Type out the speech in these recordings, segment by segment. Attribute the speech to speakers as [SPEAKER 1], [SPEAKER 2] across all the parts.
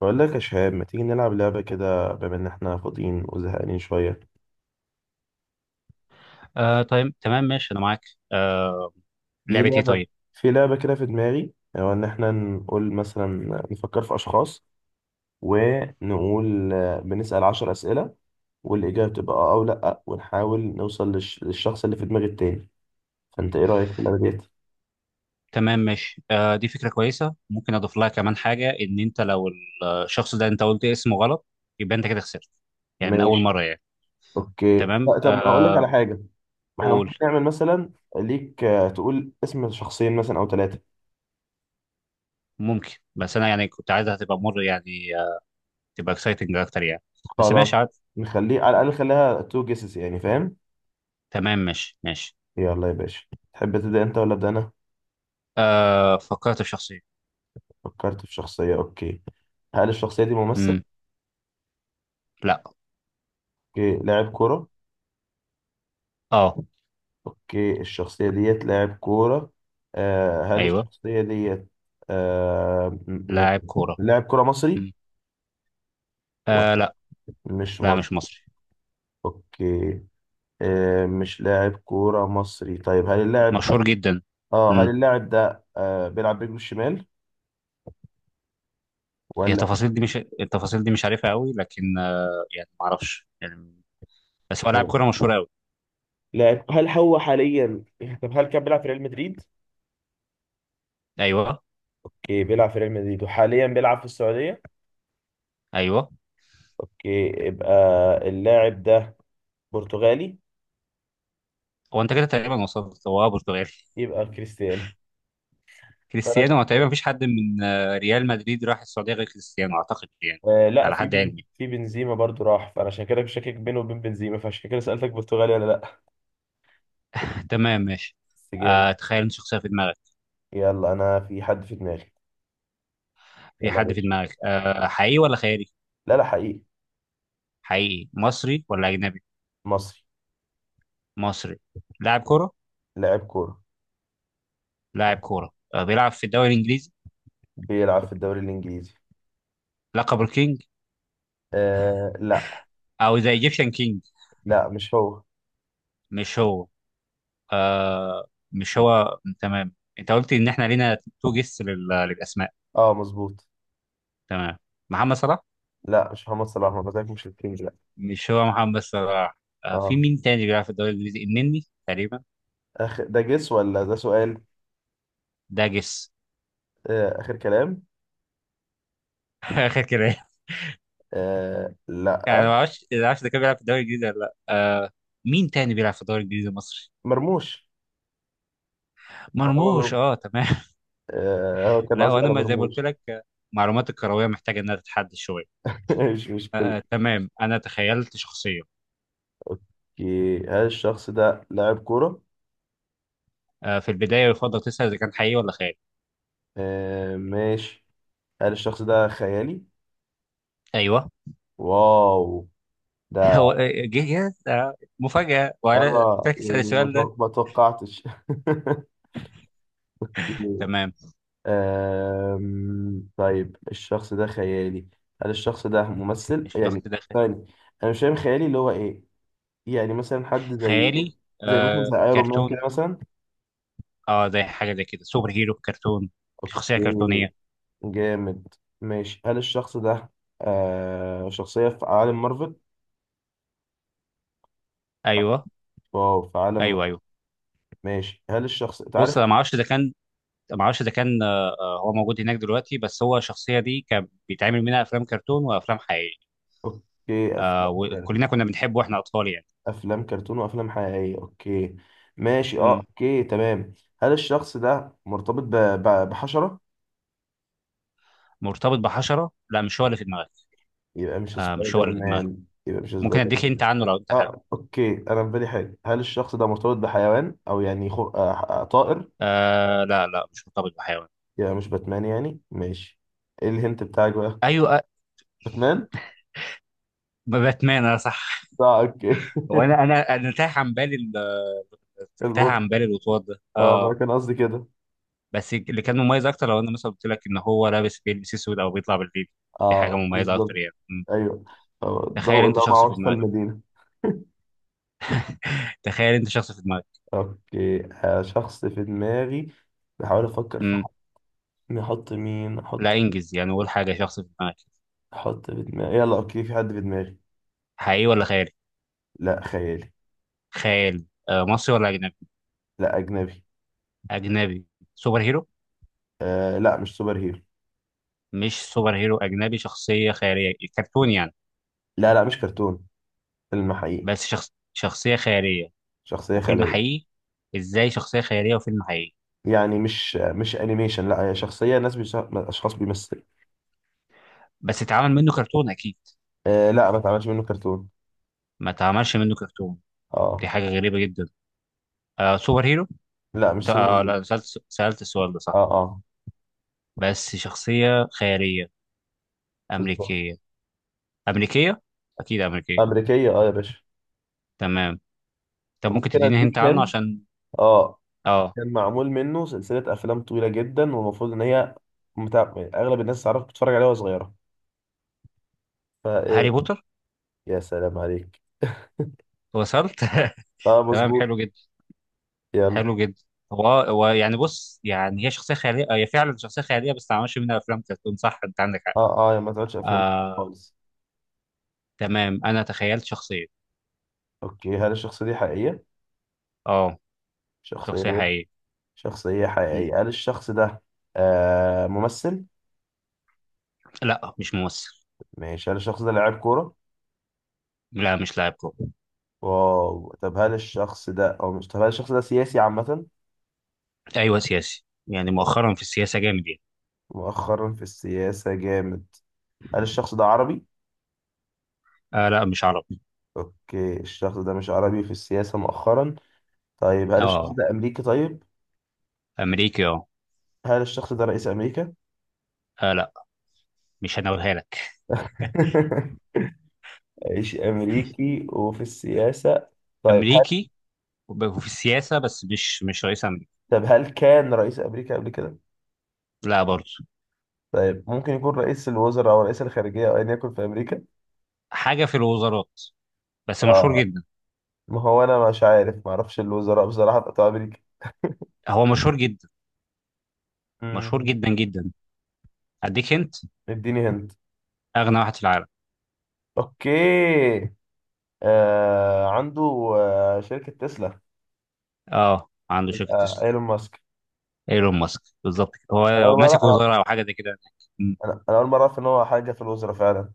[SPEAKER 1] بقول لك يا شهاب، ما تيجي نلعب لعبة كده بما إن إحنا فاضيين وزهقانين شوية؟
[SPEAKER 2] آه، طيب تمام ماشي، انا معاك. آه.
[SPEAKER 1] في
[SPEAKER 2] لعبه ايه
[SPEAKER 1] لعبة
[SPEAKER 2] طيب؟
[SPEAKER 1] في لعبة كده في دماغي، هو إن إحنا نقول مثلا نفكر في أشخاص ونقول بنسأل 10 أسئلة، والإجابة تبقى آه أو لأ، ونحاول نوصل للشخص اللي في دماغ التاني. فأنت إيه رأيك في اللعبة ديت؟
[SPEAKER 2] تمام ماشي. آه، دي فكره كويسه، ممكن اضيف لها كمان حاجه ان انت لو الشخص ده انت قلت اسمه غلط يبقى انت كده خسرت. يعني من اول
[SPEAKER 1] ماشي.
[SPEAKER 2] مره يعني.
[SPEAKER 1] أوكي،
[SPEAKER 2] تمام
[SPEAKER 1] لا طب ما هقول لك على
[SPEAKER 2] آه.
[SPEAKER 1] حاجة. ما إحنا ممكن
[SPEAKER 2] قول.
[SPEAKER 1] نعمل مثلا ليك تقول اسم شخصين مثلا أو ثلاثة.
[SPEAKER 2] ممكن، بس انا يعني كنت عايزها تبقى مر، يعني آه، تبقى اكسايتنج اكتر يعني. بس
[SPEAKER 1] خلاص،
[SPEAKER 2] ماشي عادي.
[SPEAKER 1] نخليه على الأقل، خليها تو جيسز يعني، فاهم؟
[SPEAKER 2] تمام ماشي ماشي.
[SPEAKER 1] يلا يا باشا، تحب تبدأ أنت ولا أبدأ أنا؟
[SPEAKER 2] آه، فكرت في شخصيه.
[SPEAKER 1] فكرت في شخصية، أوكي. هل الشخصية دي ممثل؟
[SPEAKER 2] امم لا.
[SPEAKER 1] أوكي، لاعب كورة؟
[SPEAKER 2] اه.
[SPEAKER 1] أوكي، الشخصية ديت لاعب كورة. هل
[SPEAKER 2] ايوه.
[SPEAKER 1] الشخصية ديت، يعني
[SPEAKER 2] لاعب كوره.
[SPEAKER 1] لاعب كورة مصري؟
[SPEAKER 2] مم.
[SPEAKER 1] و-
[SPEAKER 2] آه، لا.
[SPEAKER 1] مش
[SPEAKER 2] لا مش
[SPEAKER 1] مصري.
[SPEAKER 2] مصري.
[SPEAKER 1] أوكي. مش لاعب كورة مصري، طيب هل اللاعب ده
[SPEAKER 2] مشهور جدا.
[SPEAKER 1] آه هل اللاعب ده بيلعب برجله الشمال
[SPEAKER 2] هي
[SPEAKER 1] ولا؟
[SPEAKER 2] التفاصيل دي مش عارفها قوي، لكن يعني ما اعرفش يعني. بس هو لاعب كوره مشهور قوي.
[SPEAKER 1] لاعب، هل هو حاليا؟ طب هل كان بيلعب في ريال مدريد؟
[SPEAKER 2] ايوه
[SPEAKER 1] اوكي، بيلعب في ريال مدريد وحاليا بيلعب في السعودية.
[SPEAKER 2] ايوه.
[SPEAKER 1] اوكي، يبقى اللاعب ده برتغالي.
[SPEAKER 2] هو انت كده تقريبا وصلت. هو آه برتغالي.
[SPEAKER 1] يبقى كريستيانو. فأنا
[SPEAKER 2] كريستيانو. هو تقريبا
[SPEAKER 1] كنت-
[SPEAKER 2] مفيش حد من ريال مدريد راح السعوديه غير كريستيانو اعتقد يعني.
[SPEAKER 1] لا،
[SPEAKER 2] على حد علمي.
[SPEAKER 1] في بنزيما برضو راح، فانا عشان كده مش شاكك بينه وبين بنزيما، فعشان كده سألتك برتغالي ولا لا.
[SPEAKER 2] تمام ماشي.
[SPEAKER 1] بس
[SPEAKER 2] آه،
[SPEAKER 1] جامد.
[SPEAKER 2] تخيل انت شخصيه في دماغك.
[SPEAKER 1] يلا انا في حد في دماغي.
[SPEAKER 2] في
[SPEAKER 1] يلا يا
[SPEAKER 2] حد في
[SPEAKER 1] باشا.
[SPEAKER 2] دماغك؟ آه، حقيقي ولا خيالي؟
[SPEAKER 1] لا لا، حقيقي.
[SPEAKER 2] حقيقي. مصري ولا اجنبي؟
[SPEAKER 1] مصري.
[SPEAKER 2] مصري. لاعب كوره.
[SPEAKER 1] لاعب كورة.
[SPEAKER 2] لاعب كوره آه بيلعب في الدوري الانجليزي.
[SPEAKER 1] بيلعب في الدوري الانجليزي.
[SPEAKER 2] لقب الكينج.
[SPEAKER 1] آه لا.
[SPEAKER 2] او ذا ايجيبشن كينج.
[SPEAKER 1] لا مش هو
[SPEAKER 2] مش هو. آه مش هو، تمام. انت قلت ان احنا لينا تو جيس للاسماء.
[SPEAKER 1] اه مظبوط.
[SPEAKER 2] تمام. محمد صلاح.
[SPEAKER 1] لا مش محمد صلاح، ما بتاعك مش الكينج لا.
[SPEAKER 2] مش هو محمد صلاح. آه، في
[SPEAKER 1] اه،
[SPEAKER 2] مين تاني بيلعب في الدوري الانجليزي؟ النني تقريبا.
[SPEAKER 1] اخر ده جس ولا ده سؤال؟
[SPEAKER 2] ده جيس.
[SPEAKER 1] آه اخر كلام.
[SPEAKER 2] اخر كلام.
[SPEAKER 1] آه لا.
[SPEAKER 2] يعني ما اعرفش ده كان بيلعب في الدوري الانجليزي ولا لا. آه، مين تاني بيلعب في الدوري الانجليزي المصري؟
[SPEAKER 1] مرموش. محمد
[SPEAKER 2] مرموش،
[SPEAKER 1] مرموش.
[SPEAKER 2] اه تمام.
[SPEAKER 1] هو كان
[SPEAKER 2] لا،
[SPEAKER 1] قصدي
[SPEAKER 2] وانا
[SPEAKER 1] على
[SPEAKER 2] ما زي ما قلت
[SPEAKER 1] مرموش.
[SPEAKER 2] لك معلومات الكرويه محتاجه انها تتحدد شويه.
[SPEAKER 1] مش مشكلة.
[SPEAKER 2] تمام انا تخيلت شخصيه.
[SPEAKER 1] اوكي، هل الشخص ده لاعب كورة؟
[SPEAKER 2] آه، في البدايه يفضل تسال اذا كان حقيقي ولا خيالي.
[SPEAKER 1] آه ماشي. هل الشخص ده خيالي؟
[SPEAKER 2] ايوه.
[SPEAKER 1] واو. ده.
[SPEAKER 2] هو. جه. يس آه، مفاجأة وعلى
[SPEAKER 1] اه
[SPEAKER 2] فاكس على
[SPEAKER 1] يعني
[SPEAKER 2] السؤال ده.
[SPEAKER 1] ما توقعتش. أوكي.
[SPEAKER 2] تمام.
[SPEAKER 1] طيب الشخص ده خيالي، هل الشخص ده ممثل
[SPEAKER 2] الشخص
[SPEAKER 1] يعني؟
[SPEAKER 2] ده
[SPEAKER 1] ثاني. انا مش فاهم خيالي اللي هو ايه؟ يعني مثلا حد زي،
[SPEAKER 2] خيالي.
[SPEAKER 1] زي مثلا
[SPEAKER 2] آه،
[SPEAKER 1] زي ايرون مان كده
[SPEAKER 2] كرتون.
[SPEAKER 1] مثلا.
[SPEAKER 2] اه، زي حاجة زي كده، سوبر هيرو كرتون. شخصية
[SPEAKER 1] اوكي.
[SPEAKER 2] كرتونية.
[SPEAKER 1] جامد. ماشي، هل الشخص ده شخصية في عالم مارفل؟
[SPEAKER 2] ايوه
[SPEAKER 1] واو، في عالم مارفل.
[SPEAKER 2] ايوه ايوه.
[SPEAKER 1] ماشي، هل الشخص أنت
[SPEAKER 2] بص
[SPEAKER 1] عارف.
[SPEAKER 2] انا ما اعرفش ده كان هو موجود هناك دلوقتي، بس هو الشخصية دي كان بيتعمل منها افلام كرتون وافلام حقيقية.
[SPEAKER 1] اوكي،
[SPEAKER 2] آه،
[SPEAKER 1] افلام كرتون.
[SPEAKER 2] وكلنا كنا بنحبه واحنا اطفال يعني.
[SPEAKER 1] افلام كرتون وافلام حقيقية، اوكي. ماشي، اه
[SPEAKER 2] مم.
[SPEAKER 1] اوكي تمام. هل الشخص ده مرتبط بحشرة؟
[SPEAKER 2] مرتبط بحشرة؟ لا مش هو اللي في دماغك.
[SPEAKER 1] يبقى مش
[SPEAKER 2] آه مش هو
[SPEAKER 1] سبايدر
[SPEAKER 2] اللي في دماغك.
[SPEAKER 1] مان يبقى مش
[SPEAKER 2] ممكن
[SPEAKER 1] سبايدر
[SPEAKER 2] اديك انت
[SPEAKER 1] مان
[SPEAKER 2] عنه لو انت حابب.
[SPEAKER 1] اه اوكي، انا في بالي حاجة، هل الشخص ده مرتبط بحيوان او يعني خو... آه طائر؟
[SPEAKER 2] آه لا لا مش مرتبط بحيوان.
[SPEAKER 1] يبقى مش باتمان يعني، ماشي. ايه الهنت بتاعك بقى؟
[SPEAKER 2] ايوه آه،
[SPEAKER 1] باتمان؟
[SPEAKER 2] باتمان، انا صح.
[SPEAKER 1] اه اوكي
[SPEAKER 2] وانا انا انا تاه
[SPEAKER 1] المخ.
[SPEAKER 2] عن بالي الوطواط ده،
[SPEAKER 1] اه ما
[SPEAKER 2] اه.
[SPEAKER 1] انا كان قصدي كده.
[SPEAKER 2] بس اللي كان مميز اكتر، لو انا مثلا قلت لك ان هو بيلبس اسود او بيطلع بالليل، دي حاجه
[SPEAKER 1] اه
[SPEAKER 2] مميزه اكتر
[SPEAKER 1] بالظبط.
[SPEAKER 2] يعني. مم.
[SPEAKER 1] ايوه.
[SPEAKER 2] تخيل
[SPEAKER 1] ضوء
[SPEAKER 2] انت
[SPEAKER 1] اللي هو مع
[SPEAKER 2] شخص في
[SPEAKER 1] وسط
[SPEAKER 2] دماغك.
[SPEAKER 1] المدينه.
[SPEAKER 2] تخيل انت شخص في دماغك.
[SPEAKER 1] اوكي شخص في دماغي، بحاول افكر في
[SPEAKER 2] مم.
[SPEAKER 1] حد. نحط مين
[SPEAKER 2] لا
[SPEAKER 1] احط.
[SPEAKER 2] انجز يعني، قول حاجه. شخص في دماغك.
[SPEAKER 1] احط في دماغي، يلا اوكي، في حد في دماغي.
[SPEAKER 2] حقيقي ولا خيالي؟
[SPEAKER 1] لا، خيالي.
[SPEAKER 2] خيالي. آه، مصري ولا اجنبي؟
[SPEAKER 1] لا، اجنبي.
[SPEAKER 2] اجنبي. سوبر هيرو؟
[SPEAKER 1] آه لا، مش سوبر هيرو.
[SPEAKER 2] مش سوبر هيرو، اجنبي، شخصيه خياليه، كرتون يعني.
[SPEAKER 1] لا لا، مش كرتون، فيلم حقيقي.
[SPEAKER 2] بس شخص شخصيه خياليه
[SPEAKER 1] شخصيه
[SPEAKER 2] وفيلم
[SPEAKER 1] خياليه
[SPEAKER 2] حقيقي؟ ازاي شخصيه خياليه وفيلم حقيقي؟
[SPEAKER 1] يعني، مش مش انيميشن، لا هي شخصيه اشخاص بيمثلوا.
[SPEAKER 2] بس اتعمل منه كرتون اكيد.
[SPEAKER 1] آه لا، ما اتعملش منه كرتون.
[SPEAKER 2] ما اتعملش منه كرتون؟ دي
[SPEAKER 1] اه.
[SPEAKER 2] حاجه غريبه جدا. آه، سوبر هيرو.
[SPEAKER 1] لا مش سوبر
[SPEAKER 2] آه
[SPEAKER 1] هيرو.
[SPEAKER 2] لا، سألت السؤال ده
[SPEAKER 1] اه
[SPEAKER 2] صح.
[SPEAKER 1] اه
[SPEAKER 2] بس شخصيه خياليه.
[SPEAKER 1] بالظبط.
[SPEAKER 2] امريكيه. امريكيه، اكيد امريكيه.
[SPEAKER 1] أمريكية، أه يا باشا.
[SPEAKER 2] تمام. طب ممكن
[SPEAKER 1] ممكن
[SPEAKER 2] تديني هنت
[SPEAKER 1] أديك
[SPEAKER 2] عنه
[SPEAKER 1] هند.
[SPEAKER 2] عشان.
[SPEAKER 1] أه،
[SPEAKER 2] اه.
[SPEAKER 1] كان معمول منه سلسلة أفلام طويلة جدا، والمفروض إن هي أغلب الناس تعرف بتتفرج عليها وهي صغيرة، فإيه؟
[SPEAKER 2] هاري بوتر.
[SPEAKER 1] يا سلام عليك
[SPEAKER 2] وصلت.
[SPEAKER 1] أه
[SPEAKER 2] تمام،
[SPEAKER 1] مظبوط.
[SPEAKER 2] حلو جدا.
[SPEAKER 1] يلا.
[SPEAKER 2] حلو جدا. هو يعني، بص يعني، هي شخصيه خياليه هي فعلا شخصيه خياليه بس ما اتعملش منها افلام كرتون، صح انت عندك حق.
[SPEAKER 1] أه أه، يا ما تقعدش أفلام
[SPEAKER 2] آه.
[SPEAKER 1] خالص.
[SPEAKER 2] تمام انا تخيلت شخصيه.
[SPEAKER 1] أوكي، هل الشخصية دي حقيقية؟
[SPEAKER 2] اه،
[SPEAKER 1] شخصية
[SPEAKER 2] شخصيه
[SPEAKER 1] دي.
[SPEAKER 2] حقيقيه.
[SPEAKER 1] شخصية
[SPEAKER 2] م.
[SPEAKER 1] حقيقية، هل الشخص ده ممثل؟
[SPEAKER 2] لا مش ممثل.
[SPEAKER 1] ماشي، هل الشخص ده لاعب كورة؟
[SPEAKER 2] لا مش لاعب كورة.
[SPEAKER 1] واو، طب هل الشخص ده أو مش طب هل الشخص ده سياسي عامة؟
[SPEAKER 2] أيوه سياسي، يعني مؤخرا في السياسة جامد يعني.
[SPEAKER 1] مؤخرا في السياسة جامد، هل الشخص ده عربي؟
[SPEAKER 2] آه لا مش عربي.
[SPEAKER 1] اوكي، الشخص ده مش عربي، في السياسة مؤخرا. طيب هل الشخص
[SPEAKER 2] اه.
[SPEAKER 1] ده امريكي طيب؟
[SPEAKER 2] أمريكي اه.
[SPEAKER 1] هل الشخص ده رئيس امريكا؟
[SPEAKER 2] لا، مش هنقولها لك.
[SPEAKER 1] رئيس امريكي وفي السياسة، طيب هل.
[SPEAKER 2] أمريكي وفي السياسة، بس مش رئيس أمريكا.
[SPEAKER 1] طب هل كان رئيس امريكا قبل كده؟
[SPEAKER 2] لا برضه.
[SPEAKER 1] طيب ممكن يكون رئيس الوزراء او رئيس الخارجية او ايا يكن في امريكا؟
[SPEAKER 2] حاجة في الوزارات، بس مشهور
[SPEAKER 1] اه
[SPEAKER 2] جدا.
[SPEAKER 1] ما هو انا مش عارف، ما اعرفش الوزراء بصراحة بتوع امريكا.
[SPEAKER 2] هو مشهور جدا. مشهور
[SPEAKER 1] مم،
[SPEAKER 2] جدا جدا. أديك أنت.
[SPEAKER 1] اديني هند.
[SPEAKER 2] أغنى واحد في العالم.
[SPEAKER 1] اوكي عنده شركة تسلا.
[SPEAKER 2] اه، عنده شركة
[SPEAKER 1] يبقى
[SPEAKER 2] تسلا.
[SPEAKER 1] ايلون ماسك.
[SPEAKER 2] ايلون ماسك بالظبط كده.
[SPEAKER 1] انا
[SPEAKER 2] هو
[SPEAKER 1] أول
[SPEAKER 2] ماسك
[SPEAKER 1] مرة-
[SPEAKER 2] وزارة أو حاجة زي كده هناك. م.
[SPEAKER 1] انا انا اول مره اعرف ان هو حاجه في الوزراء فعلا.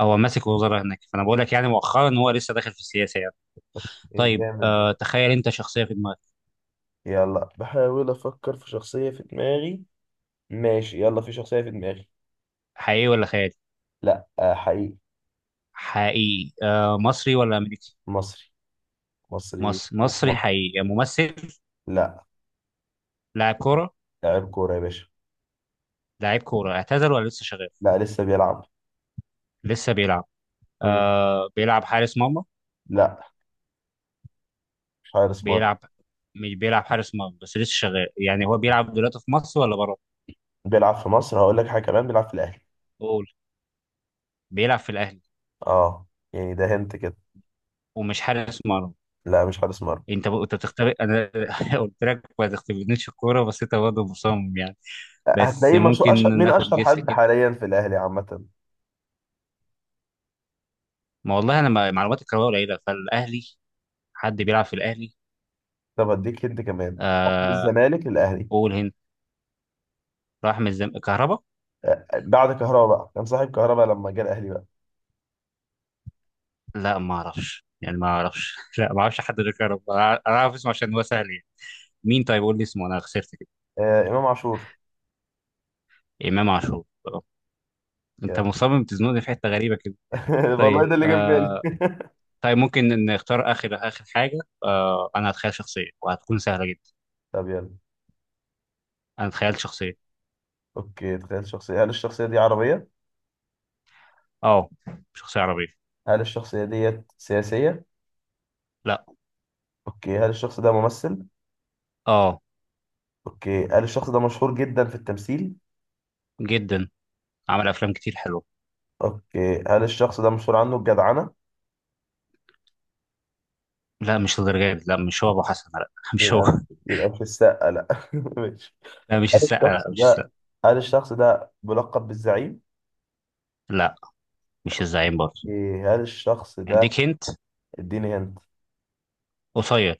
[SPEAKER 2] هو ماسك وزارة هناك، فأنا بقول لك يعني مؤخرا هو لسه داخل في السياسة يعني.
[SPEAKER 1] ايه
[SPEAKER 2] طيب
[SPEAKER 1] جامد ده.
[SPEAKER 2] آه، تخيل أنت شخصية في دماغك.
[SPEAKER 1] يلا بحاول افكر في شخصيه في دماغي. ماشي يلا، في شخصيه في دماغي.
[SPEAKER 2] حقيقي ولا خيالي؟
[SPEAKER 1] لا حقيقي.
[SPEAKER 2] حقيقي. آه، مصري ولا امريكي؟
[SPEAKER 1] مصري. مصري
[SPEAKER 2] مصري.
[SPEAKER 1] وفي
[SPEAKER 2] مصري
[SPEAKER 1] مصر.
[SPEAKER 2] حقيقي، يعني ممثل؟
[SPEAKER 1] لا.
[SPEAKER 2] لاعب كوره؟
[SPEAKER 1] لاعب كوره يا باشا.
[SPEAKER 2] لاعب كوره اعتزل ولا لسه شغال؟
[SPEAKER 1] لا لسه بيلعب.
[SPEAKER 2] لسه بيلعب.
[SPEAKER 1] مم.
[SPEAKER 2] آه، بيلعب حارس مرمى.
[SPEAKER 1] لا، مش حارس مرمى.
[SPEAKER 2] بيلعب مش بيلعب حارس مرمى، بس لسه شغال. يعني هو بيلعب دلوقتي في مصر ولا بره؟
[SPEAKER 1] بيلعب في مصر، هقول لك حاجه كمان، بيلعب في الاهلي.
[SPEAKER 2] قول. بيلعب في الاهلي،
[SPEAKER 1] اه، يعني ده هنت كده.
[SPEAKER 2] ومش حارس مرمى.
[SPEAKER 1] لا مش حارس مرمى.
[SPEAKER 2] انت بتختبئ انا. قلت لك ما تختبئنيش في الكوره بس انت برضه مصمم يعني. بس
[SPEAKER 1] هتلاقيه مشهور، اشهر
[SPEAKER 2] ممكن
[SPEAKER 1] من
[SPEAKER 2] ناخد
[SPEAKER 1] اشهر
[SPEAKER 2] جيست
[SPEAKER 1] حد
[SPEAKER 2] كده.
[SPEAKER 1] حاليا في الاهلي عامه.
[SPEAKER 2] ما والله انا معلومات الكرويه قليله فالاهلي. حد بيلعب في الاهلي.
[SPEAKER 1] طب اديك هنت كمان، من
[SPEAKER 2] آه،
[SPEAKER 1] الزمالك للاهلي.
[SPEAKER 2] قول هند. راح من كهربا.
[SPEAKER 1] بعد كهربا بقى، كان صاحب كهربا لما جه الاهلي بقى.
[SPEAKER 2] لا ما اعرفش يعني ما اعرفش. لا ما اعرفش حد غير كهربا، انا اعرف اسمه عشان هو سهل يعني. مين؟ طيب قول لي اسمه، انا خسرت كده.
[SPEAKER 1] امام عاشور.
[SPEAKER 2] امام عاشور آه. انت
[SPEAKER 1] كده.
[SPEAKER 2] مصمم تزنقني في حته غريبه كده.
[SPEAKER 1] والله
[SPEAKER 2] طيب
[SPEAKER 1] ده اللي جاب
[SPEAKER 2] آه.
[SPEAKER 1] بالي
[SPEAKER 2] طيب ممكن نختار اخر اخر حاجه. آه، انا هتخيل شخصيه وهتكون سهله جدا.
[SPEAKER 1] طب يلا.
[SPEAKER 2] انا اتخيلت شخصيه.
[SPEAKER 1] اوكي تخيل شخصية، هل الشخصية دي عربية؟
[SPEAKER 2] اه، شخصيه عربيه.
[SPEAKER 1] هل الشخصية ديت سياسية؟
[SPEAKER 2] لا.
[SPEAKER 1] اوكي، هل الشخص ده ممثل؟
[SPEAKER 2] اه.
[SPEAKER 1] اوكي، هل الشخص ده مشهور جدا في التمثيل؟
[SPEAKER 2] جدا. عمل افلام كتير حلوه.
[SPEAKER 1] اوكي، هل الشخص ده مشهور عنه الجدعنة؟
[SPEAKER 2] لا مش الدرجات، لا مش هو ابو حسن، لا مش هو.
[SPEAKER 1] يبقى يبقى مش السقا لا ماشي،
[SPEAKER 2] لا مش
[SPEAKER 1] هل
[SPEAKER 2] السقا، لا
[SPEAKER 1] الشخص
[SPEAKER 2] مش السقا.
[SPEAKER 1] ده هل الشخص ده بلقب بالزعيم؟
[SPEAKER 2] لا مش الزعيم برضه.
[SPEAKER 1] اوكي، هل الشخص ده.
[SPEAKER 2] اديك هنت.
[SPEAKER 1] اديني هنت.
[SPEAKER 2] قصير.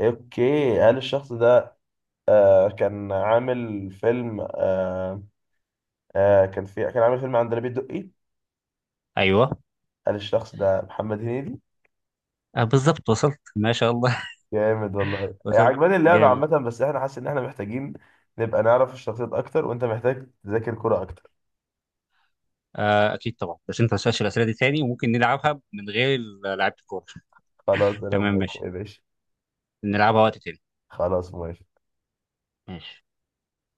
[SPEAKER 1] اوكي، هل الشخص ده كان عامل فيلم، كان عامل فيلم عندليب الدقي.
[SPEAKER 2] ايوه.
[SPEAKER 1] قال الشخص ده محمد هنيدي.
[SPEAKER 2] آه بالظبط وصلت، ما شاء الله.
[SPEAKER 1] جامد والله،
[SPEAKER 2] وصلت.
[SPEAKER 1] عجباني اللعبة
[SPEAKER 2] جامد.
[SPEAKER 1] عامة، بس احنا حاسس ان احنا محتاجين نبقى نعرف الشخصيات اكتر، وانت محتاج تذاكر كرة اكتر.
[SPEAKER 2] آه اكيد طبعا، بس انت ما تسالش الاسئله دي تاني وممكن نلعبها من غير لعيبه الكوره.
[SPEAKER 1] خلاص انا
[SPEAKER 2] تمام
[SPEAKER 1] موافق
[SPEAKER 2] ماشي.
[SPEAKER 1] يا باشا.
[SPEAKER 2] نلعبها وقت تاني.
[SPEAKER 1] خلاص موافق.
[SPEAKER 2] ماشي.